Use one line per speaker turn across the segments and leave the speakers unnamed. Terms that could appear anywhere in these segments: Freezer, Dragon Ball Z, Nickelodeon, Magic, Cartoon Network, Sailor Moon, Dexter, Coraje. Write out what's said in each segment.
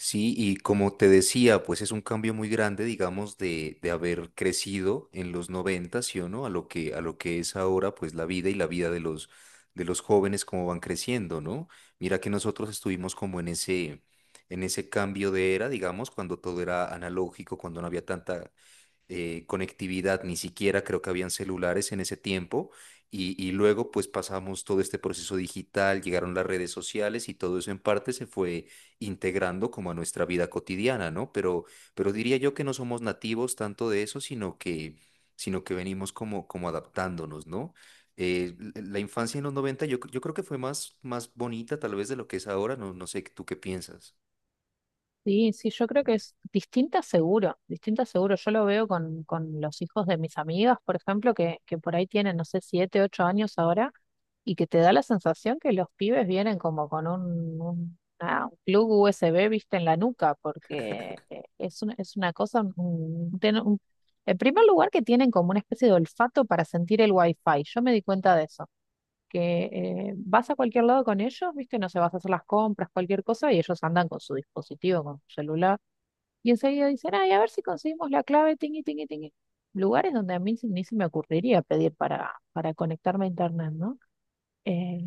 Sí, y como te decía, pues es un cambio muy grande, digamos, de haber crecido en los 90, ¿sí o no? A lo que es ahora, pues la vida y la vida de los, jóvenes, cómo van creciendo, ¿no? Mira que nosotros estuvimos como en ese cambio de era, digamos, cuando todo era analógico, cuando no había tanta conectividad, ni siquiera creo que habían celulares en ese tiempo. Y luego pues pasamos todo este proceso digital, llegaron las redes sociales y todo eso en parte se fue integrando como a nuestra vida cotidiana, ¿no? Pero diría yo que no somos nativos tanto de eso, sino que venimos como adaptándonos, ¿no? La infancia en los 90 yo creo que fue más bonita tal vez de lo que es ahora, no, no sé. ¿Tú qué piensas?
Sí, sí, yo creo que es distinta seguro, distinta seguro. Yo lo veo con los hijos de mis amigas, por ejemplo, que por ahí tienen, no sé, 7, 8 años ahora, y que te da la sensación que los pibes vienen como con un plug USB, viste, en la nuca, porque es una cosa, en primer lugar que tienen como una especie de olfato para sentir el wifi. Yo me di cuenta de eso que vas a cualquier lado con ellos, ¿viste? No sé, vas a hacer las compras, cualquier cosa, y ellos andan con su dispositivo, con su celular, y enseguida dicen, ay, a ver si conseguimos la clave, tingui, tingui, tingui. Lugares donde a mí ni se me ocurriría pedir para conectarme a internet, ¿no? Eh,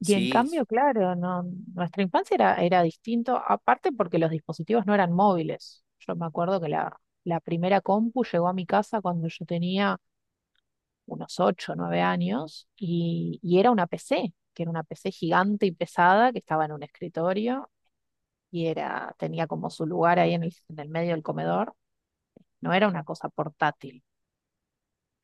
y en
Sí.
cambio, claro, no, nuestra infancia era distinto, aparte porque los dispositivos no eran móviles. Yo me acuerdo que la primera compu llegó a mi casa cuando yo tenía unos 8 o 9 años y era una PC, que era una PC gigante y pesada que estaba en un escritorio y tenía como su lugar ahí en en el medio del comedor. No era una cosa portátil.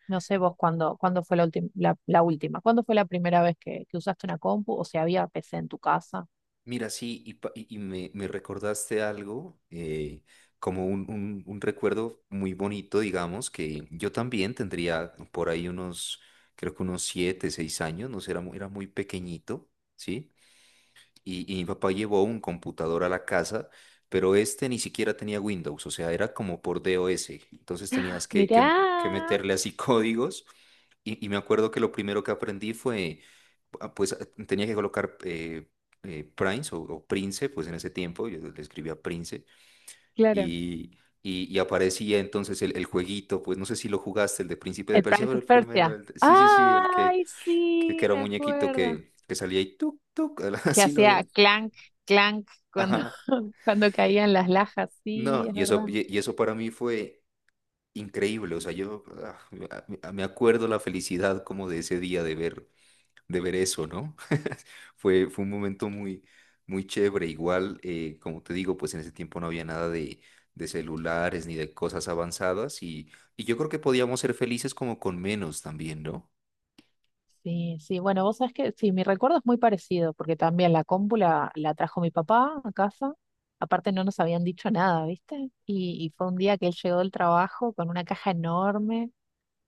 No sé vos cuándo fue la, ultim- la última, cuándo fue la primera vez que usaste una compu o si había PC en tu casa.
Mira, sí, y me recordaste algo, como un recuerdo muy bonito, digamos, que yo también tendría por ahí creo que unos 7, 6 años, no sé, era muy pequeñito, ¿sí? Y mi papá llevó un computador a la casa, pero este ni siquiera tenía Windows, o sea, era como por DOS. Entonces tenías que
Mirá.
meterle así códigos. Y me acuerdo que lo primero que aprendí fue, pues tenía que colocar Prince o Prince, pues en ese tiempo yo le escribía Prince
Claro.
y, y aparecía entonces el jueguito, pues no sé si lo jugaste, el de Príncipe de
El
Persia,
Prince
pero
of
el primero,
Persia.
sí, sí, sí, el que,
Ay,
que, que
sí,
era
me
un muñequito
acuerdo.
que salía y tuk, tuk,
Que
así, ¿no?
hacía clank, clank
Ajá.
cuando caían las lajas. Sí,
No,
es
y eso,
verdad.
y y eso para mí fue increíble. O sea, yo me acuerdo la felicidad como de ese día de ver, eso, ¿no? Fue un momento muy, muy chévere. Igual, como te digo, pues en ese tiempo no había nada de, celulares ni de cosas avanzadas y yo creo que podíamos ser felices como con menos también, ¿no?
Sí, sí, bueno, vos sabés que sí, mi recuerdo es muy parecido, porque también la compu la trajo mi papá a casa, aparte no nos habían dicho nada, ¿viste? Y fue un día que él llegó del trabajo con una caja enorme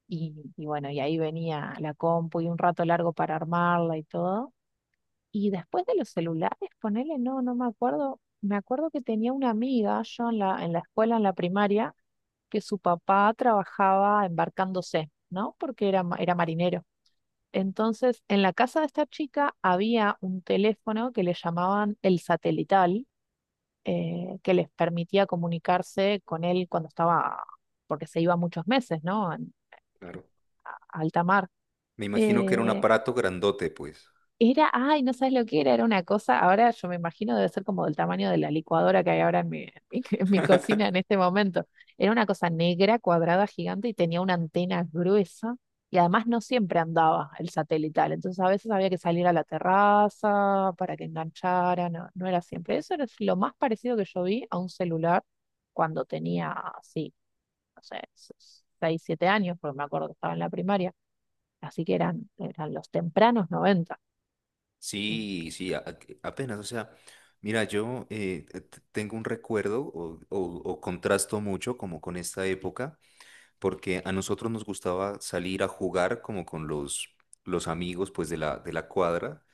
y bueno, y ahí venía la compu y un rato largo para armarla y todo. Y después de los celulares, ponele, no, no me acuerdo. Me acuerdo que tenía una amiga, yo en en la escuela, en la primaria, que su papá trabajaba embarcándose, ¿no? Porque era, era marinero. Entonces, en la casa de esta chica había un teléfono que le llamaban el satelital, que les permitía comunicarse con él cuando estaba, porque se iba muchos meses, ¿no? En
Claro.
alta mar.
Me imagino que era un
Eh,
aparato grandote, pues.
Era, ay, no sabes lo que era, una cosa, ahora yo me imagino debe ser como del tamaño de la licuadora que hay ahora en en mi cocina en este momento. Era una cosa negra, cuadrada, gigante y tenía una antena gruesa y además no siempre andaba el satelital, entonces a veces había que salir a la terraza para que enganchara, no, no era siempre. Eso era lo más parecido que yo vi a un celular cuando tenía, sí, no sé, 6, 7 años, porque me acuerdo que estaba en la primaria, así que eran los tempranos noventa.
Sí, sí, apenas, o sea, mira, yo tengo un recuerdo o contrasto mucho como con esta época, porque a nosotros nos gustaba salir a jugar como con los amigos pues de la, cuadra,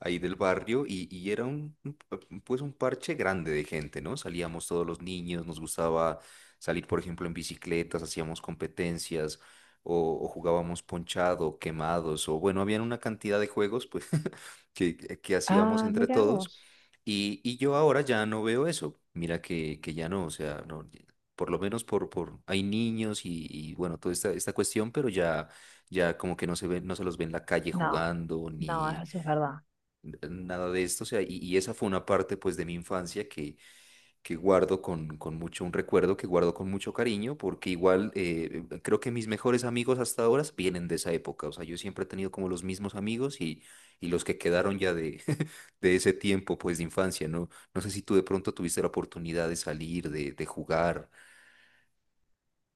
ahí del barrio y era un pues un parche grande de gente, ¿no? Salíamos todos los niños, nos gustaba salir, por ejemplo, en bicicletas, hacíamos competencias o jugábamos ponchado, quemados, o bueno, habían una cantidad de juegos pues que hacíamos
Ah,
entre
mira
todos
vos.
y yo ahora ya no veo eso, mira que ya no, o sea, no, por lo menos hay niños y bueno, toda esta cuestión, pero ya como que no se ven, no se los ve en la calle
No,
jugando,
no,
ni
eso es verdad.
nada de esto. O sea, y esa fue una parte pues de mi infancia que guardo con mucho, un recuerdo que guardo con mucho cariño, porque igual creo que mis mejores amigos hasta ahora vienen de esa época. O sea, yo siempre he tenido como los mismos amigos y los que quedaron ya de ese tiempo pues de infancia, ¿no? No sé si tú de pronto tuviste la oportunidad de salir, de jugar.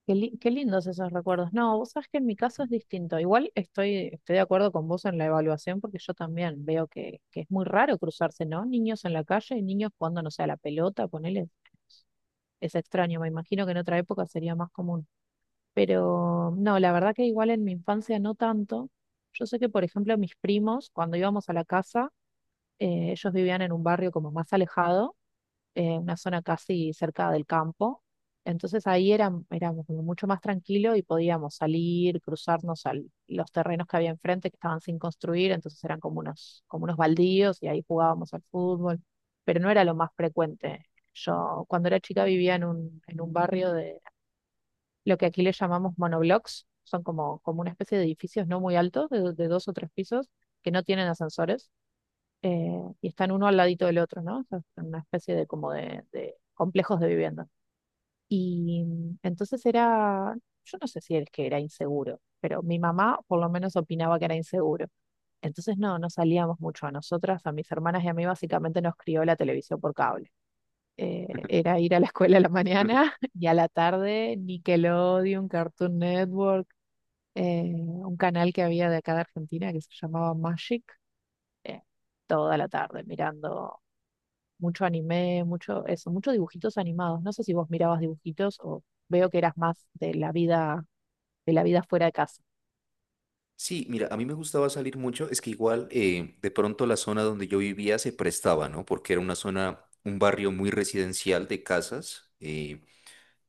Qué lindos esos recuerdos. No, vos sabés que en mi caso es distinto. Igual estoy de acuerdo con vos en la evaluación porque yo también veo que es muy raro cruzarse, ¿no? Niños en la calle y niños jugando, no sé, a la pelota, ponele. Es extraño, me imagino que en otra época sería más común. Pero no, la verdad que igual en mi infancia no tanto. Yo sé que, por ejemplo, mis primos, cuando íbamos a la casa, ellos vivían en un barrio como más alejado, una zona casi cerca del campo. Entonces ahí éramos como mucho más tranquilos y podíamos salir, cruzarnos a los terrenos que había enfrente que estaban sin construir, entonces eran como unos baldíos y ahí jugábamos al fútbol, pero no era lo más frecuente. Yo cuando era chica vivía en en un barrio de lo que aquí le llamamos monoblocks, son como una especie de edificios no muy altos, de dos o tres pisos, que no tienen ascensores, eh, y están uno al ladito del otro, ¿no? O sea, en una especie de como de complejos de vivienda. Y entonces yo no sé si es que era inseguro, pero mi mamá por lo menos opinaba que era inseguro. Entonces no, no salíamos mucho. A nosotras, a mis hermanas y a mí básicamente nos crió la televisión por cable. Era ir a la escuela a la mañana y a la tarde Nickelodeon, Cartoon Network, un canal que había de acá de Argentina que se llamaba Magic, eh, toda la tarde mirando mucho anime, mucho eso, muchos dibujitos animados. No sé si vos mirabas dibujitos o veo que eras más de la vida fuera de casa.
Sí, mira, a mí me gustaba salir mucho, es que igual de pronto la zona donde yo vivía se prestaba, ¿no? Porque era una zona, un barrio muy residencial de casas.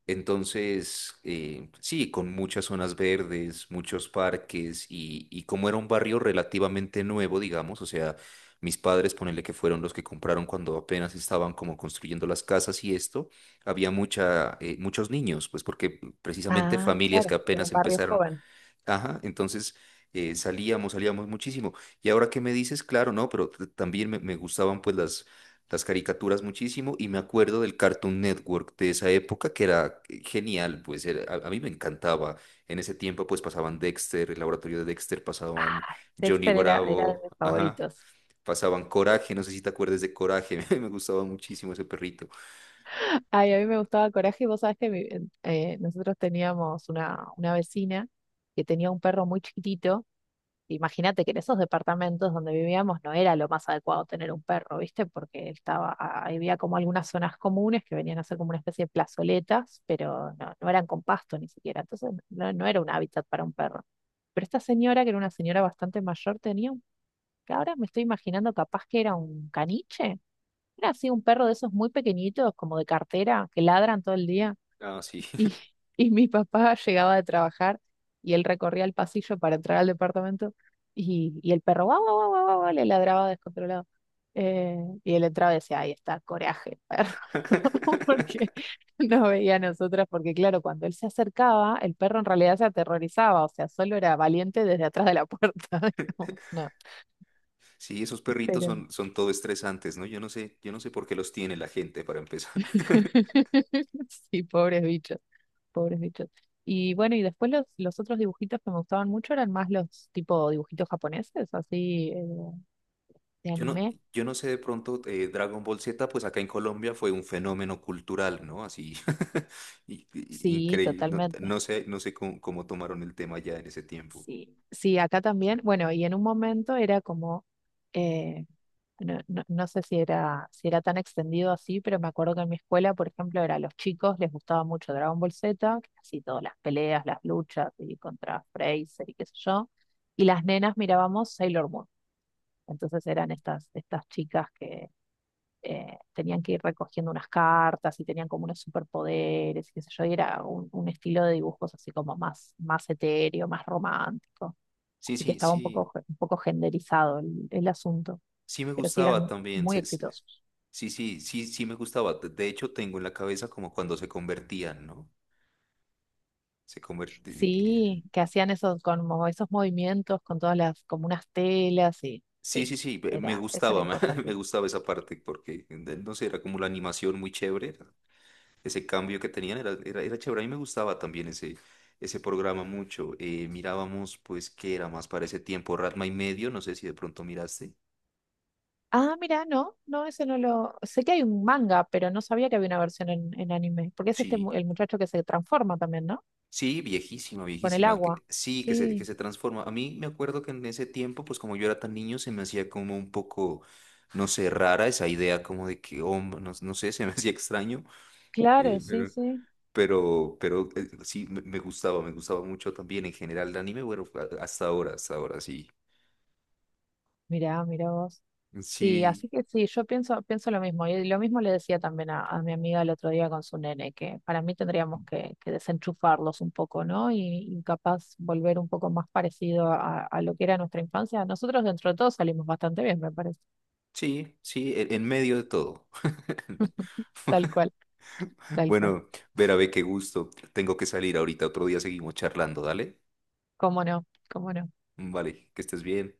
Entonces, sí, con muchas zonas verdes, muchos parques y como era un barrio relativamente nuevo, digamos, o sea, mis padres, ponele que fueron los que compraron cuando apenas estaban como construyendo las casas y esto, había muchos niños, pues porque precisamente
Ah,
familias que
claro, era
apenas
un barrio
empezaron.
joven.
Ajá, entonces salíamos muchísimo. Y ahora que me dices, claro, no, pero también me gustaban pues las caricaturas muchísimo y me acuerdo del Cartoon Network de esa época que era genial, pues a mí me encantaba. En ese tiempo pues pasaban Dexter, el laboratorio de Dexter, pasaban
Ay,
Johnny
Dexter era de
Bravo,
mis
ajá,
favoritos.
pasaban Coraje, no sé si te acuerdas de Coraje, me gustaba muchísimo ese perrito.
Ay, a mí me gustaba Coraje. Vos sabés que nosotros teníamos una vecina que tenía un perro muy chiquitito. Imagínate que en esos departamentos donde vivíamos no era lo más adecuado tener un perro, ¿viste? Porque había como algunas zonas comunes que venían a ser como una especie de plazoletas, pero no, no eran con pasto ni siquiera. Entonces no, no era un hábitat para un perro. Pero esta señora, que era una señora bastante mayor, tenía un, que ahora me estoy imaginando capaz que era un caniche. Era así un perro de esos muy pequeñitos, como de cartera, que ladran todo el día.
Ah, sí.
Y, y mi papá llegaba de trabajar y él recorría el pasillo para entrar al departamento y el perro guau, guau, guau, guau, guau, le ladraba descontrolado. Eh, y él entraba y decía, ahí está, coraje, el perro, porque nos veía a nosotras, porque claro, cuando él se acercaba, el perro en realidad se aterrorizaba, o sea, solo era valiente desde atrás de la puerta, digamos, no,
Sí, esos perritos
pero
son todo estresantes, ¿no? Yo no sé por qué los tiene la gente para empezar.
sí, pobres bichos. Pobres bichos. Y bueno, y después los otros dibujitos que me gustaban mucho eran más los tipo dibujitos japoneses, así de
Yo no,
anime.
yo no sé de pronto, Dragon Ball Z, pues acá en Colombia fue un fenómeno cultural, ¿no? Así,
Sí,
increíble. No,
totalmente.
no sé cómo tomaron el tema ya en ese tiempo.
Sí, sí, acá también. Bueno, y en un momento era como, eh, no, no sé si era tan extendido así, pero me acuerdo que en mi escuela, por ejemplo, era a los chicos, les gustaba mucho Dragon Ball Z, que así todas las peleas, las luchas y contra Freezer y qué sé yo. Y las nenas mirábamos Sailor Moon. Entonces eran estas chicas que tenían que ir recogiendo unas cartas y tenían como unos superpoderes y qué sé yo, y era un estilo de dibujos así como más etéreo, más romántico.
Sí,
Así que
sí,
estaba un
sí,
poco, un poco genderizado el asunto,
sí me
pero sí
gustaba
eran
también.
muy exitosos.
Sí, sí, sí, sí me gustaba. De hecho, tengo en la cabeza como cuando se convertían, ¿no? Se convertían.
Sí, que hacían como esos movimientos con todas como unas telas y
Sí,
sí,
sí, sí, me
eso era
gustaba, me
importante.
gustaba esa parte porque, no sé, era como la animación muy chévere, ese cambio que tenían era chévere, a mí me gustaba también ese programa mucho. Mirábamos, pues, ¿qué era más para ese tiempo? Ratma y medio, no sé si de pronto miraste.
Ah, mira, no, no, ese no lo. Sé que hay un manga, pero no sabía que había una versión en anime. Porque es
Sí.
el muchacho que se transforma también, ¿no?
Sí, viejísima,
Con el
viejísima,
agua.
que, sí, que se, que
Sí,
se transforma. A mí me acuerdo que en ese tiempo, pues como yo era tan niño, se me hacía como un poco, no sé, rara esa idea como de que, hombre, no, no sé, se me hacía extraño.
claro,
Eh,
sí,
pero
sí.
Sí, me gustaba, me gustaba mucho también en general el anime, bueno, hasta ahora, sí.
Mirá, mirá vos. Sí,
Sí,
así que sí, yo pienso lo mismo. Y lo mismo le decía también a mi amiga el otro día con su nene, que para mí tendríamos que desenchufarlos un poco, ¿no? Y capaz volver un poco más parecido a lo que era nuestra infancia. Nosotros dentro de todo salimos bastante bien, me parece.
sí, sí, en medio de todo.
Tal cual, tal cual.
Bueno, Vera, ve qué gusto. Tengo que salir ahorita, otro día seguimos charlando, dale.
¿Cómo no? ¿Cómo no?
Vale, que estés bien.